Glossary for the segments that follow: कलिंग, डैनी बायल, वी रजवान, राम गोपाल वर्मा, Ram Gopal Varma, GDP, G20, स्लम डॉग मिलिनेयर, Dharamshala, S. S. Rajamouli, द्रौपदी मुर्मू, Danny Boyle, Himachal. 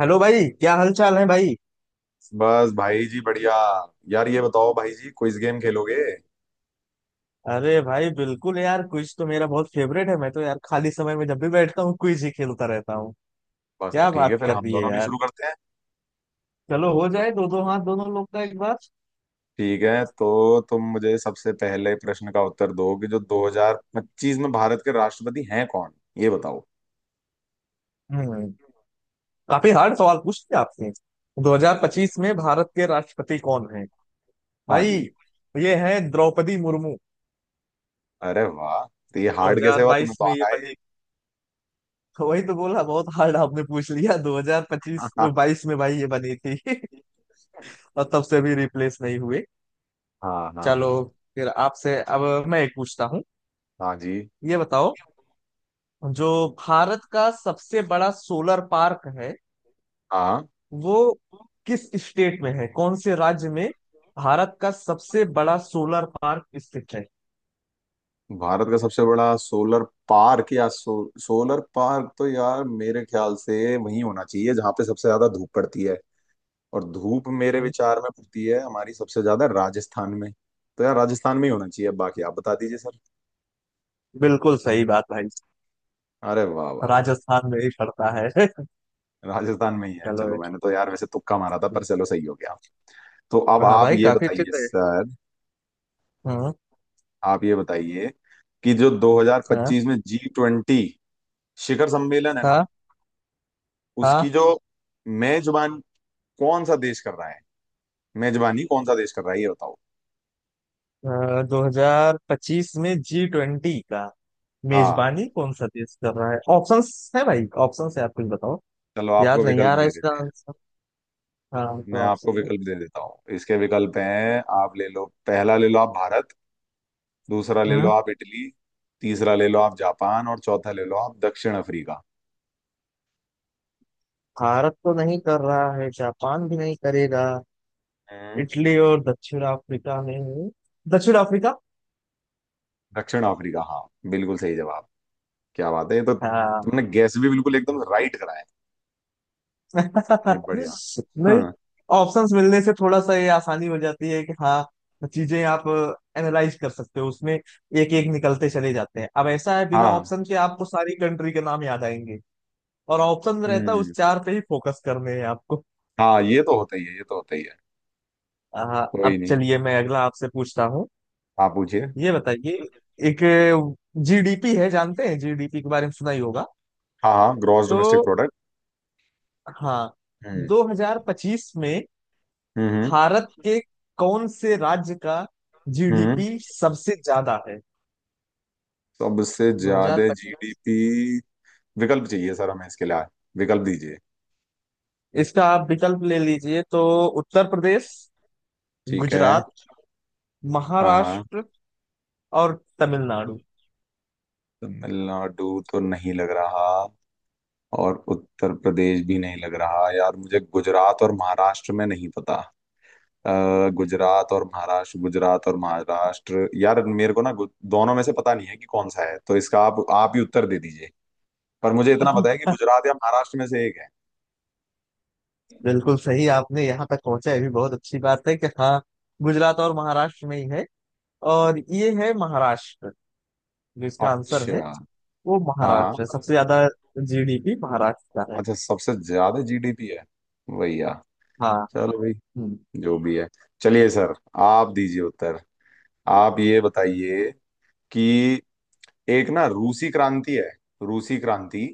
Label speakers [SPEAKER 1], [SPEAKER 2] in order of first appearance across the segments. [SPEAKER 1] Hello भाई, क्या हाल चाल है भाई।
[SPEAKER 2] बस भाई जी बढ़िया। यार ये बताओ भाई जी, क्विज गेम खेलोगे?
[SPEAKER 1] अरे भाई बिल्कुल यार, क्विज तो मेरा बहुत फेवरेट है। मैं तो यार खाली समय में जब भी बैठता हूँ क्विज ही खेलता रहता हूँ।
[SPEAKER 2] बस तो
[SPEAKER 1] क्या
[SPEAKER 2] ठीक है
[SPEAKER 1] बात
[SPEAKER 2] फिर,
[SPEAKER 1] कर
[SPEAKER 2] हाँ हम
[SPEAKER 1] रही है
[SPEAKER 2] दोनों भी
[SPEAKER 1] यार।
[SPEAKER 2] शुरू करते हैं।
[SPEAKER 1] चलो हो जाए दो दो हाथ दोनों लोग का एक बार।
[SPEAKER 2] ठीक है, तो तुम मुझे सबसे पहले प्रश्न का उत्तर दो कि जो 2025 में भारत के राष्ट्रपति हैं कौन, ये बताओ।
[SPEAKER 1] हम्म काफी हार्ड सवाल पूछ लिया आपने। 2025 में भारत के राष्ट्रपति कौन है
[SPEAKER 2] हाँ
[SPEAKER 1] भाई।
[SPEAKER 2] जी।
[SPEAKER 1] ये है द्रौपदी मुर्मू।
[SPEAKER 2] अरे वाह, तो ये हार्ड कैसे हुआ, तुम्हें
[SPEAKER 1] 2022
[SPEAKER 2] तो
[SPEAKER 1] में ये
[SPEAKER 2] आता है ये।
[SPEAKER 1] बनी। वही तो बोला, बहुत हार्ड आपने पूछ लिया, 2025 22 में भाई ये बनी थी। और तब से भी रिप्लेस नहीं हुए।
[SPEAKER 2] हाँ हाँ
[SPEAKER 1] चलो,
[SPEAKER 2] हाँ।
[SPEAKER 1] फिर आपसे अब मैं एक पूछता हूँ।
[SPEAKER 2] हाँ जी।
[SPEAKER 1] ये बताओ, जो भारत का सबसे बड़ा सोलर पार्क है
[SPEAKER 2] हाँ,
[SPEAKER 1] वो किस स्टेट में है, कौन से राज्य में भारत का सबसे बड़ा सोलर पार्क स्थित है।
[SPEAKER 2] भारत का सबसे बड़ा सोलर पार्क सोलर पार्क तो यार मेरे ख्याल से वही होना चाहिए जहां पे सबसे ज्यादा धूप पड़ती है, और धूप मेरे विचार में पड़ती है हमारी सबसे ज्यादा राजस्थान में। तो यार राजस्थान में ही होना चाहिए, बाकी आप बता दीजिए सर।
[SPEAKER 1] बिल्कुल सही बात भाई।
[SPEAKER 2] अरे वाह वाह वाह,
[SPEAKER 1] राजस्थान में ही पड़ता है।
[SPEAKER 2] राजस्थान में ही है।
[SPEAKER 1] चलो,
[SPEAKER 2] चलो मैंने तो यार वैसे तुक्का मारा था, पर चलो सही हो गया। तो अब
[SPEAKER 1] हाँ
[SPEAKER 2] आप
[SPEAKER 1] भाई
[SPEAKER 2] ये
[SPEAKER 1] काफी अच्छे
[SPEAKER 2] बताइए
[SPEAKER 1] थे।
[SPEAKER 2] सर,
[SPEAKER 1] हाँ,
[SPEAKER 2] आप ये बताइए कि जो
[SPEAKER 1] हाँ,
[SPEAKER 2] 2025 में G20 शिखर सम्मेलन है ना,
[SPEAKER 1] हाँ,
[SPEAKER 2] उसकी
[SPEAKER 1] हाँ।
[SPEAKER 2] जो मेजबान कौन सा देश कर रहा है, मेजबानी कौन सा देश कर रहा है, ये बताओ।
[SPEAKER 1] 2025 में G20 का
[SPEAKER 2] हाँ,
[SPEAKER 1] मेजबानी कौन सा देश कर रहा है? ऑप्शंस है भाई, ऑप्शंस है, आप कुछ बताओ।
[SPEAKER 2] चलो
[SPEAKER 1] याद
[SPEAKER 2] आपको
[SPEAKER 1] नहीं
[SPEAKER 2] विकल्प
[SPEAKER 1] आ रहा
[SPEAKER 2] दे
[SPEAKER 1] इसका
[SPEAKER 2] देते हैं।
[SPEAKER 1] आंसर। हाँ, तो
[SPEAKER 2] मैं आपको
[SPEAKER 1] ऑप्शन दे।
[SPEAKER 2] विकल्प दे देता हूँ। इसके विकल्प हैं, आप ले लो पहला, ले लो आप भारत। दूसरा ले लो
[SPEAKER 1] हम्म।
[SPEAKER 2] आप इटली। तीसरा ले लो आप जापान, और चौथा ले लो आप दक्षिण अफ्रीका।
[SPEAKER 1] भारत तो नहीं कर रहा है, जापान भी नहीं करेगा।
[SPEAKER 2] हम्म।
[SPEAKER 1] इटली और दक्षिण अफ्रीका में, दक्षिण अफ्रीका।
[SPEAKER 2] दक्षिण अफ्रीका, हाँ बिल्कुल सही जवाब। क्या बात है, ये तो
[SPEAKER 1] हाँ।
[SPEAKER 2] तुमने गैस भी बिल्कुल एकदम राइट कराया। नहीं बढ़िया।
[SPEAKER 1] नहीं,
[SPEAKER 2] हाँ
[SPEAKER 1] ऑप्शंस मिलने से थोड़ा सा ये आसानी हो जाती है कि हाँ, चीजें आप एनालाइज कर सकते हो, उसमें एक एक निकलते चले जाते हैं। अब ऐसा है, बिना
[SPEAKER 2] हाँ।
[SPEAKER 1] ऑप्शन के आपको सारी कंट्री के नाम याद आएंगे। और ऑप्शन रहता है उस
[SPEAKER 2] हम्म।
[SPEAKER 1] चार पे ही फोकस करने हैं आपको।
[SPEAKER 2] हाँ ये तो होता ही है, ये तो होता ही है।
[SPEAKER 1] हाँ,
[SPEAKER 2] कोई
[SPEAKER 1] अब
[SPEAKER 2] नहीं,
[SPEAKER 1] चलिए मैं अगला आपसे पूछता हूँ।
[SPEAKER 2] आप पूछिए।
[SPEAKER 1] ये बताइए, एक जीडीपी है, जानते हैं? जीडीपी के बारे में सुना ही होगा।
[SPEAKER 2] हाँ हाँ, ग्रॉस
[SPEAKER 1] तो
[SPEAKER 2] डोमेस्टिक प्रोडक्ट।
[SPEAKER 1] हाँ,
[SPEAKER 2] हम्म।
[SPEAKER 1] 2025 में
[SPEAKER 2] हम्म।
[SPEAKER 1] भारत के कौन से राज्य का
[SPEAKER 2] हम्म,
[SPEAKER 1] जीडीपी सबसे ज्यादा है?
[SPEAKER 2] सबसे ज्यादा
[SPEAKER 1] 2025।
[SPEAKER 2] जीडीपी। विकल्प चाहिए सर हमें इसके लिए, विकल्प दीजिए।
[SPEAKER 1] इसका आप विकल्प ले लीजिए तो: उत्तर प्रदेश,
[SPEAKER 2] ठीक है।
[SPEAKER 1] गुजरात,
[SPEAKER 2] हाँ हाँ।
[SPEAKER 1] महाराष्ट्र और तमिलनाडु।
[SPEAKER 2] तमिलनाडु तो नहीं लग रहा, और उत्तर प्रदेश भी नहीं लग रहा। यार मुझे गुजरात और महाराष्ट्र में नहीं पता। गुजरात और महाराष्ट्र, गुजरात और महाराष्ट्र, यार मेरे को ना दोनों में से पता नहीं है कि कौन सा है, तो इसका आप ही उत्तर दे दीजिए। पर मुझे इतना पता है कि गुजरात या महाराष्ट्र में से एक है।
[SPEAKER 1] बिल्कुल सही, आपने यहाँ तक पहुंचा ये भी बहुत अच्छी बात है कि हाँ, गुजरात और महाराष्ट्र में ही है। और ये है महाराष्ट्र जो इसका आंसर है।
[SPEAKER 2] अच्छा।
[SPEAKER 1] वो
[SPEAKER 2] हाँ हाँ।
[SPEAKER 1] महाराष्ट्र है, सबसे ज्यादा जीडीपी महाराष्ट्र का है।
[SPEAKER 2] अच्छा, सबसे ज्यादा जीडीपी है भैया।
[SPEAKER 1] हाँ।
[SPEAKER 2] चलो भाई,
[SPEAKER 1] हम्म।
[SPEAKER 2] जो भी है। चलिए सर, आप दीजिए उत्तर। आप ये बताइए कि एक ना रूसी क्रांति है, रूसी क्रांति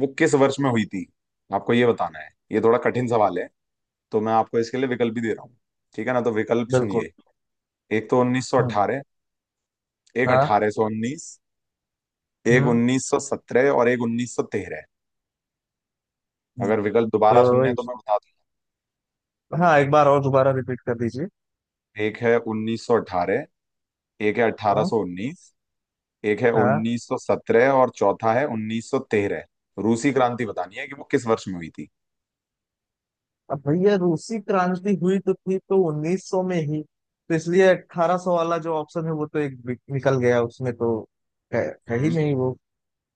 [SPEAKER 2] वो किस वर्ष में हुई थी, आपको ये बताना है। ये थोड़ा कठिन सवाल है, तो मैं आपको इसके लिए विकल्प भी दे रहा हूँ। ठीक है ना? तो विकल्प
[SPEAKER 1] बिल्कुल।
[SPEAKER 2] सुनिए। एक तो
[SPEAKER 1] हम्म।
[SPEAKER 2] 1918, एक
[SPEAKER 1] हाँ।
[SPEAKER 2] 1819, एक
[SPEAKER 1] हम्म।
[SPEAKER 2] 1917 और एक 1913।
[SPEAKER 1] हम्म।
[SPEAKER 2] अगर विकल्प दोबारा
[SPEAKER 1] तो
[SPEAKER 2] सुनने हैं तो
[SPEAKER 1] इस-
[SPEAKER 2] मैं बता
[SPEAKER 1] हाँ, एक बार और दोबारा रिपीट कर दीजिए।
[SPEAKER 2] दूं। एक है 1918, एक है
[SPEAKER 1] हम्म।
[SPEAKER 2] 1819, एक है
[SPEAKER 1] हाँ।
[SPEAKER 2] 1917 और चौथा है 1913। रूसी क्रांति बतानी है कि वो किस वर्ष में हुई थी।
[SPEAKER 1] अब भैया रूसी क्रांति हुई तो थी तो 1900 में ही, तो इसलिए 1800 वाला जो ऑप्शन है वो तो एक निकल गया, उसमें तो है है ही
[SPEAKER 2] हम्म।
[SPEAKER 1] नहीं वो।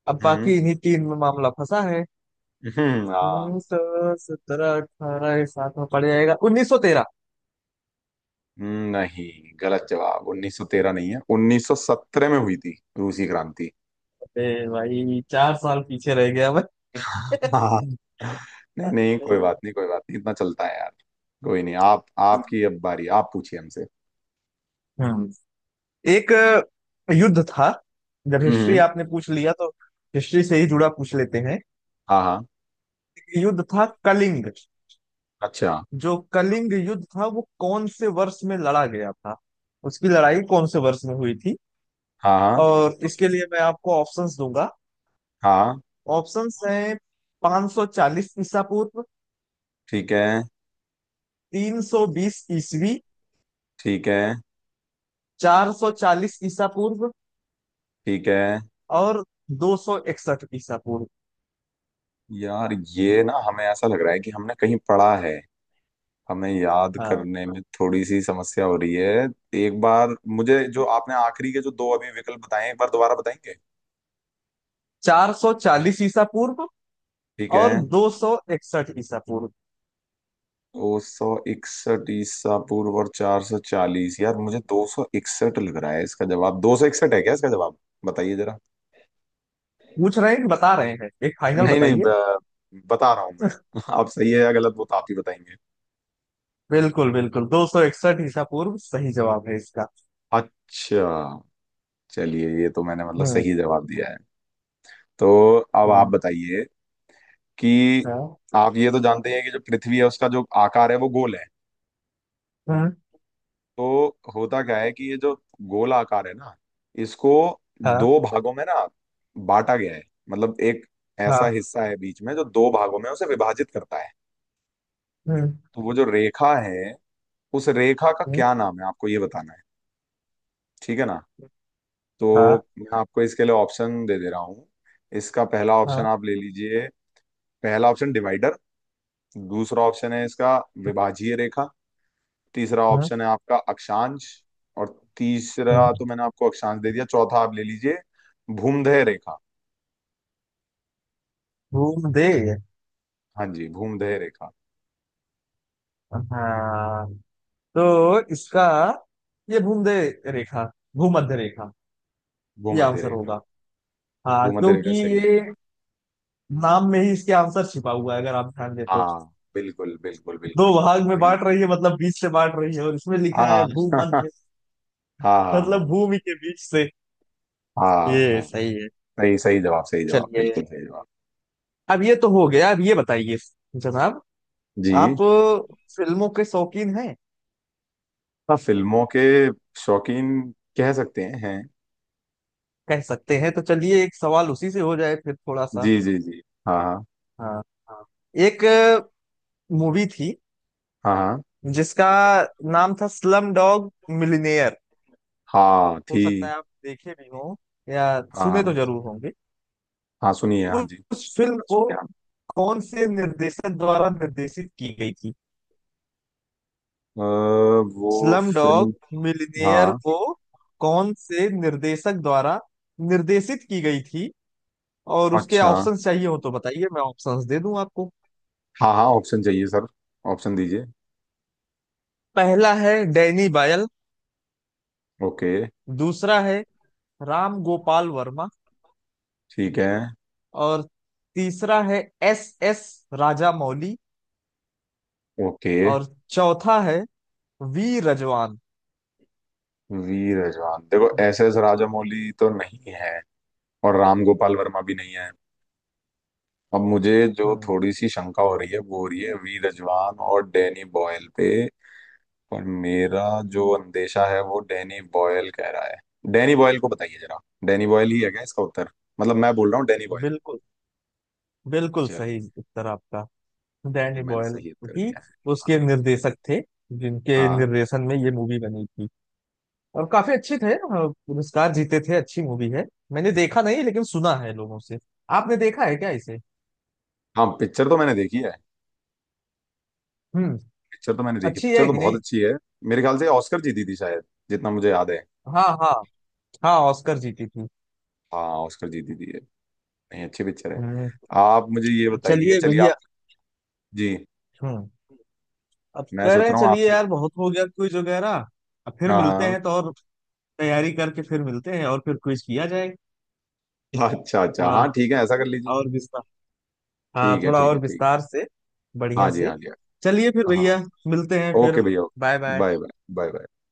[SPEAKER 1] अब
[SPEAKER 2] हम्म।
[SPEAKER 1] बाकी इन्हीं तीन में मामला फंसा है।
[SPEAKER 2] हाँ।
[SPEAKER 1] तो सत्रह अठारह सात में पड़ जाएगा, 1913।
[SPEAKER 2] नहीं, गलत जवाब। 1913 नहीं है, 1917 में हुई थी रूसी क्रांति।
[SPEAKER 1] ए भाई चार साल पीछे रह गया मैं।
[SPEAKER 2] हाँ, नहीं नहीं कोई बात नहीं, कोई बात नहीं, इतना चलता है यार। कोई नहीं, आप, आपकी अब बारी, आप पूछिए हमसे।
[SPEAKER 1] हम्म। एक युद्ध था, जब हिस्ट्री
[SPEAKER 2] हम्म।
[SPEAKER 1] आपने पूछ लिया तो हिस्ट्री से ही जुड़ा पूछ लेते हैं।
[SPEAKER 2] हाँ हाँ।
[SPEAKER 1] युद्ध था कलिंग।
[SPEAKER 2] अच्छा।
[SPEAKER 1] जो कलिंग युद्ध था वो कौन से वर्ष में लड़ा गया था, उसकी लड़ाई कौन से वर्ष में हुई थी?
[SPEAKER 2] हाँ हाँ
[SPEAKER 1] और इसके लिए मैं आपको ऑप्शंस दूंगा।
[SPEAKER 2] हाँ।
[SPEAKER 1] ऑप्शंस हैं: 540 ईसा पूर्व,
[SPEAKER 2] ठीक है
[SPEAKER 1] 320 ईसवी,
[SPEAKER 2] ठीक है
[SPEAKER 1] 440 ईसा पूर्व
[SPEAKER 2] ठीक है।
[SPEAKER 1] और 261 ईसा पूर्व।
[SPEAKER 2] यार ये ना हमें ऐसा लग रहा है कि हमने कहीं पढ़ा है, हमें याद
[SPEAKER 1] हाँ,
[SPEAKER 2] करने में थोड़ी सी समस्या हो रही है। एक बार मुझे जो आपने आखिरी के जो दो अभी विकल्प बताए, एक बार दोबारा बताएंगे?
[SPEAKER 1] 440 ईसा पूर्व
[SPEAKER 2] ठीक है।
[SPEAKER 1] और 261 ईसा पूर्व।
[SPEAKER 2] दो सौ इकसठ ईसा पूर्व और 440। यार मुझे 261 लग रहा है इसका जवाब। 261 है क्या इसका जवाब, बताइए जरा।
[SPEAKER 1] पूछ रहे हैं कि बता रहे हैं? एक फाइनल
[SPEAKER 2] नहीं नहीं,
[SPEAKER 1] बताइए।
[SPEAKER 2] बता रहा हूँ मैं। आप सही है या गलत, वो तो आप ही बताएंगे।
[SPEAKER 1] बिल्कुल, बिल्कुल। 261 ईसा पूर्व सही जवाब है इसका।
[SPEAKER 2] अच्छा, चलिए ये तो मैंने मतलब
[SPEAKER 1] हम्म।
[SPEAKER 2] सही जवाब दिया है। तो अब आप
[SPEAKER 1] हम्म।
[SPEAKER 2] बताइए कि
[SPEAKER 1] हाँ।
[SPEAKER 2] आप ये तो जानते हैं कि जो पृथ्वी है उसका जो आकार है वो गोल है।
[SPEAKER 1] हम्म।
[SPEAKER 2] तो होता क्या है कि ये जो गोल आकार है ना, इसको
[SPEAKER 1] हाँ।
[SPEAKER 2] दो भागों में ना बांटा गया है। मतलब एक ऐसा
[SPEAKER 1] हाँ।
[SPEAKER 2] हिस्सा है बीच में जो दो भागों में उसे विभाजित करता है।
[SPEAKER 1] हम्म।
[SPEAKER 2] तो वो जो रेखा है, उस रेखा का
[SPEAKER 1] हम्म।
[SPEAKER 2] क्या नाम है, आपको ये बताना है। ठीक है ना?
[SPEAKER 1] हाँ।
[SPEAKER 2] तो मैं आपको इसके लिए ऑप्शन दे दे रहा हूँ। इसका पहला ऑप्शन
[SPEAKER 1] हाँ।
[SPEAKER 2] आप ले लीजिए, पहला ऑप्शन डिवाइडर। दूसरा ऑप्शन है इसका विभाजीय रेखा। तीसरा
[SPEAKER 1] हम्म।
[SPEAKER 2] ऑप्शन है आपका अक्षांश। और तीसरा तो
[SPEAKER 1] हम्म,
[SPEAKER 2] मैंने आपको अक्षांश दे दिया, चौथा आप ले लीजिए भूमध्य रेखा।
[SPEAKER 1] भूमध्य।
[SPEAKER 2] हाँ जी, भूमध्य रेखा।
[SPEAKER 1] हाँ, तो इसका ये भूमध्य रेखा, भूमध्य रेखा ये
[SPEAKER 2] भूमध्य
[SPEAKER 1] आंसर
[SPEAKER 2] रेखा।
[SPEAKER 1] होगा। हाँ,
[SPEAKER 2] भूमध्य
[SPEAKER 1] क्योंकि
[SPEAKER 2] रेखा सही है।
[SPEAKER 1] ये नाम में ही इसके आंसर छिपा हुआ है अगर आप ध्यान दें तो।
[SPEAKER 2] हाँ बिल्कुल बिल्कुल
[SPEAKER 1] दो
[SPEAKER 2] बिल्कुल
[SPEAKER 1] भाग में
[SPEAKER 2] सही।
[SPEAKER 1] बांट रही है मतलब बीच से बांट रही है, और इसमें लिखा है
[SPEAKER 2] हाँ
[SPEAKER 1] भूमध्य,
[SPEAKER 2] हाँ हाँ
[SPEAKER 1] मतलब भूमि के बीच से।
[SPEAKER 2] हाँ। हाँ
[SPEAKER 1] ये
[SPEAKER 2] हाँ।
[SPEAKER 1] सही है।
[SPEAKER 2] सही, सही जवाब, सही जवाब,
[SPEAKER 1] चलिए,
[SPEAKER 2] बिल्कुल सही जवाब।
[SPEAKER 1] अब ये तो हो गया, अब ये बताइए जनाब, आप
[SPEAKER 2] जी।
[SPEAKER 1] फिल्मों के शौकीन हैं?
[SPEAKER 2] हाँ, फिल्मों के शौकीन, कह सकते हैं हैं।
[SPEAKER 1] कह सकते हैं तो चलिए एक सवाल उसी से हो जाए फिर, थोड़ा सा।
[SPEAKER 2] जी जी जी, हाँ
[SPEAKER 1] हाँ।
[SPEAKER 2] हाँ।
[SPEAKER 1] एक मूवी थी
[SPEAKER 2] हाँ हाँ।
[SPEAKER 1] जिसका नाम था स्लम डॉग मिलिनेयर।
[SPEAKER 2] हाँ
[SPEAKER 1] हो सकता
[SPEAKER 2] थी।
[SPEAKER 1] है आप देखे भी हो, या
[SPEAKER 2] हाँ
[SPEAKER 1] सुने तो
[SPEAKER 2] हाँ।
[SPEAKER 1] जरूर होंगे।
[SPEAKER 2] हाँ सुनिए, हाँ
[SPEAKER 1] उस
[SPEAKER 2] जी।
[SPEAKER 1] उस फिल्म को कौन से निर्देशक द्वारा निर्देशित की गई थी?
[SPEAKER 2] अ, वो
[SPEAKER 1] स्लम डॉग
[SPEAKER 2] फिल्म।
[SPEAKER 1] मिलियनेयर
[SPEAKER 2] हाँ।
[SPEAKER 1] को कौन से निर्देशक द्वारा निर्देशित की गई थी? और उसके
[SPEAKER 2] अच्छा,
[SPEAKER 1] ऑप्शंस चाहिए हो तो बताइए, मैं ऑप्शंस दे दूं आपको।
[SPEAKER 2] हाँ हाँ, ऑप्शन चाहिए सर, ऑप्शन दीजिए।
[SPEAKER 1] पहला है डैनी बायल।
[SPEAKER 2] ओके।
[SPEAKER 1] दूसरा है राम गोपाल वर्मा।
[SPEAKER 2] ठीक है।
[SPEAKER 1] और तीसरा है S S Rajamouli.
[SPEAKER 2] Okay.
[SPEAKER 1] और चौथा है वी रजवान।
[SPEAKER 2] वी रजवान। देखो एस
[SPEAKER 1] बताइए।
[SPEAKER 2] एस राजामौली तो नहीं है, और राम गोपाल वर्मा भी नहीं है। अब मुझे जो
[SPEAKER 1] हम्म।
[SPEAKER 2] थोड़ी सी शंका हो रही है वो हो रही है वी रजवान और डैनी बॉयल पे। पर मेरा जो अंदेशा है वो डैनी बॉयल कह रहा है, डैनी बॉयल को। बताइए जरा, डैनी बॉयल ही है क्या इसका उत्तर? मतलब मैं बोल रहा हूँ डैनी बॉयल।
[SPEAKER 1] बिल्कुल, बिल्कुल
[SPEAKER 2] चलिए,
[SPEAKER 1] सही उत्तर आपका। डैनी
[SPEAKER 2] मैंने
[SPEAKER 1] बॉयल
[SPEAKER 2] सही उत्तर
[SPEAKER 1] ही
[SPEAKER 2] दिया है। हाँ।
[SPEAKER 1] उसके निर्देशक थे, जिनके
[SPEAKER 2] हाँ।
[SPEAKER 1] निर्देशन में ये मूवी बनी थी। और काफी अच्छे थे, पुरस्कार जीते थे। अच्छी मूवी है। मैंने देखा नहीं लेकिन सुना है लोगों से। आपने देखा है क्या इसे?
[SPEAKER 2] हाँ पिक्चर तो मैंने देखी है।
[SPEAKER 1] हम्म।
[SPEAKER 2] पिक्चर तो मैंने देखी,
[SPEAKER 1] अच्छी
[SPEAKER 2] पिक्चर
[SPEAKER 1] है
[SPEAKER 2] तो
[SPEAKER 1] कि
[SPEAKER 2] बहुत
[SPEAKER 1] नहीं?
[SPEAKER 2] अच्छी है। मेरे ख्याल से ऑस्कर जीती थी शायद, जितना मुझे याद है।
[SPEAKER 1] हाँ, हाँ। हाँ, ऑस्कर जीती थी।
[SPEAKER 2] हाँ ऑस्कर जीती थी ये। नहीं, अच्छी पिक्चर है।
[SPEAKER 1] हम्म।
[SPEAKER 2] आप मुझे ये बताइए,
[SPEAKER 1] चलिए
[SPEAKER 2] चलिए
[SPEAKER 1] भैया।
[SPEAKER 2] आप। जी,
[SPEAKER 1] हम्म। अब
[SPEAKER 2] मैं
[SPEAKER 1] कह रहे
[SPEAKER 2] सोच
[SPEAKER 1] हैं
[SPEAKER 2] रहा हूँ
[SPEAKER 1] चलिए
[SPEAKER 2] आपसे।
[SPEAKER 1] यार, बहुत हो गया क्विज वगैरह। अब फिर मिलते
[SPEAKER 2] हाँ।
[SPEAKER 1] हैं, तो और तैयारी करके फिर मिलते हैं और फिर क्विज किया जाए।
[SPEAKER 2] हाँ अच्छा अच्छा,
[SPEAKER 1] थोड़ा
[SPEAKER 2] हाँ ठीक है, ऐसा कर लीजिए।
[SPEAKER 1] और विस्तार। हाँ,
[SPEAKER 2] ठीक है
[SPEAKER 1] थोड़ा
[SPEAKER 2] ठीक है
[SPEAKER 1] और
[SPEAKER 2] ठीक
[SPEAKER 1] विस्तार से।
[SPEAKER 2] है, हाँ
[SPEAKER 1] बढ़िया
[SPEAKER 2] जी
[SPEAKER 1] से।
[SPEAKER 2] हाँ जी।
[SPEAKER 1] चलिए फिर
[SPEAKER 2] हाँ हाँ,
[SPEAKER 1] भैया। मिलते हैं फिर।
[SPEAKER 2] ओके भैया।
[SPEAKER 1] Bye bye.
[SPEAKER 2] Bye bye, bye bye.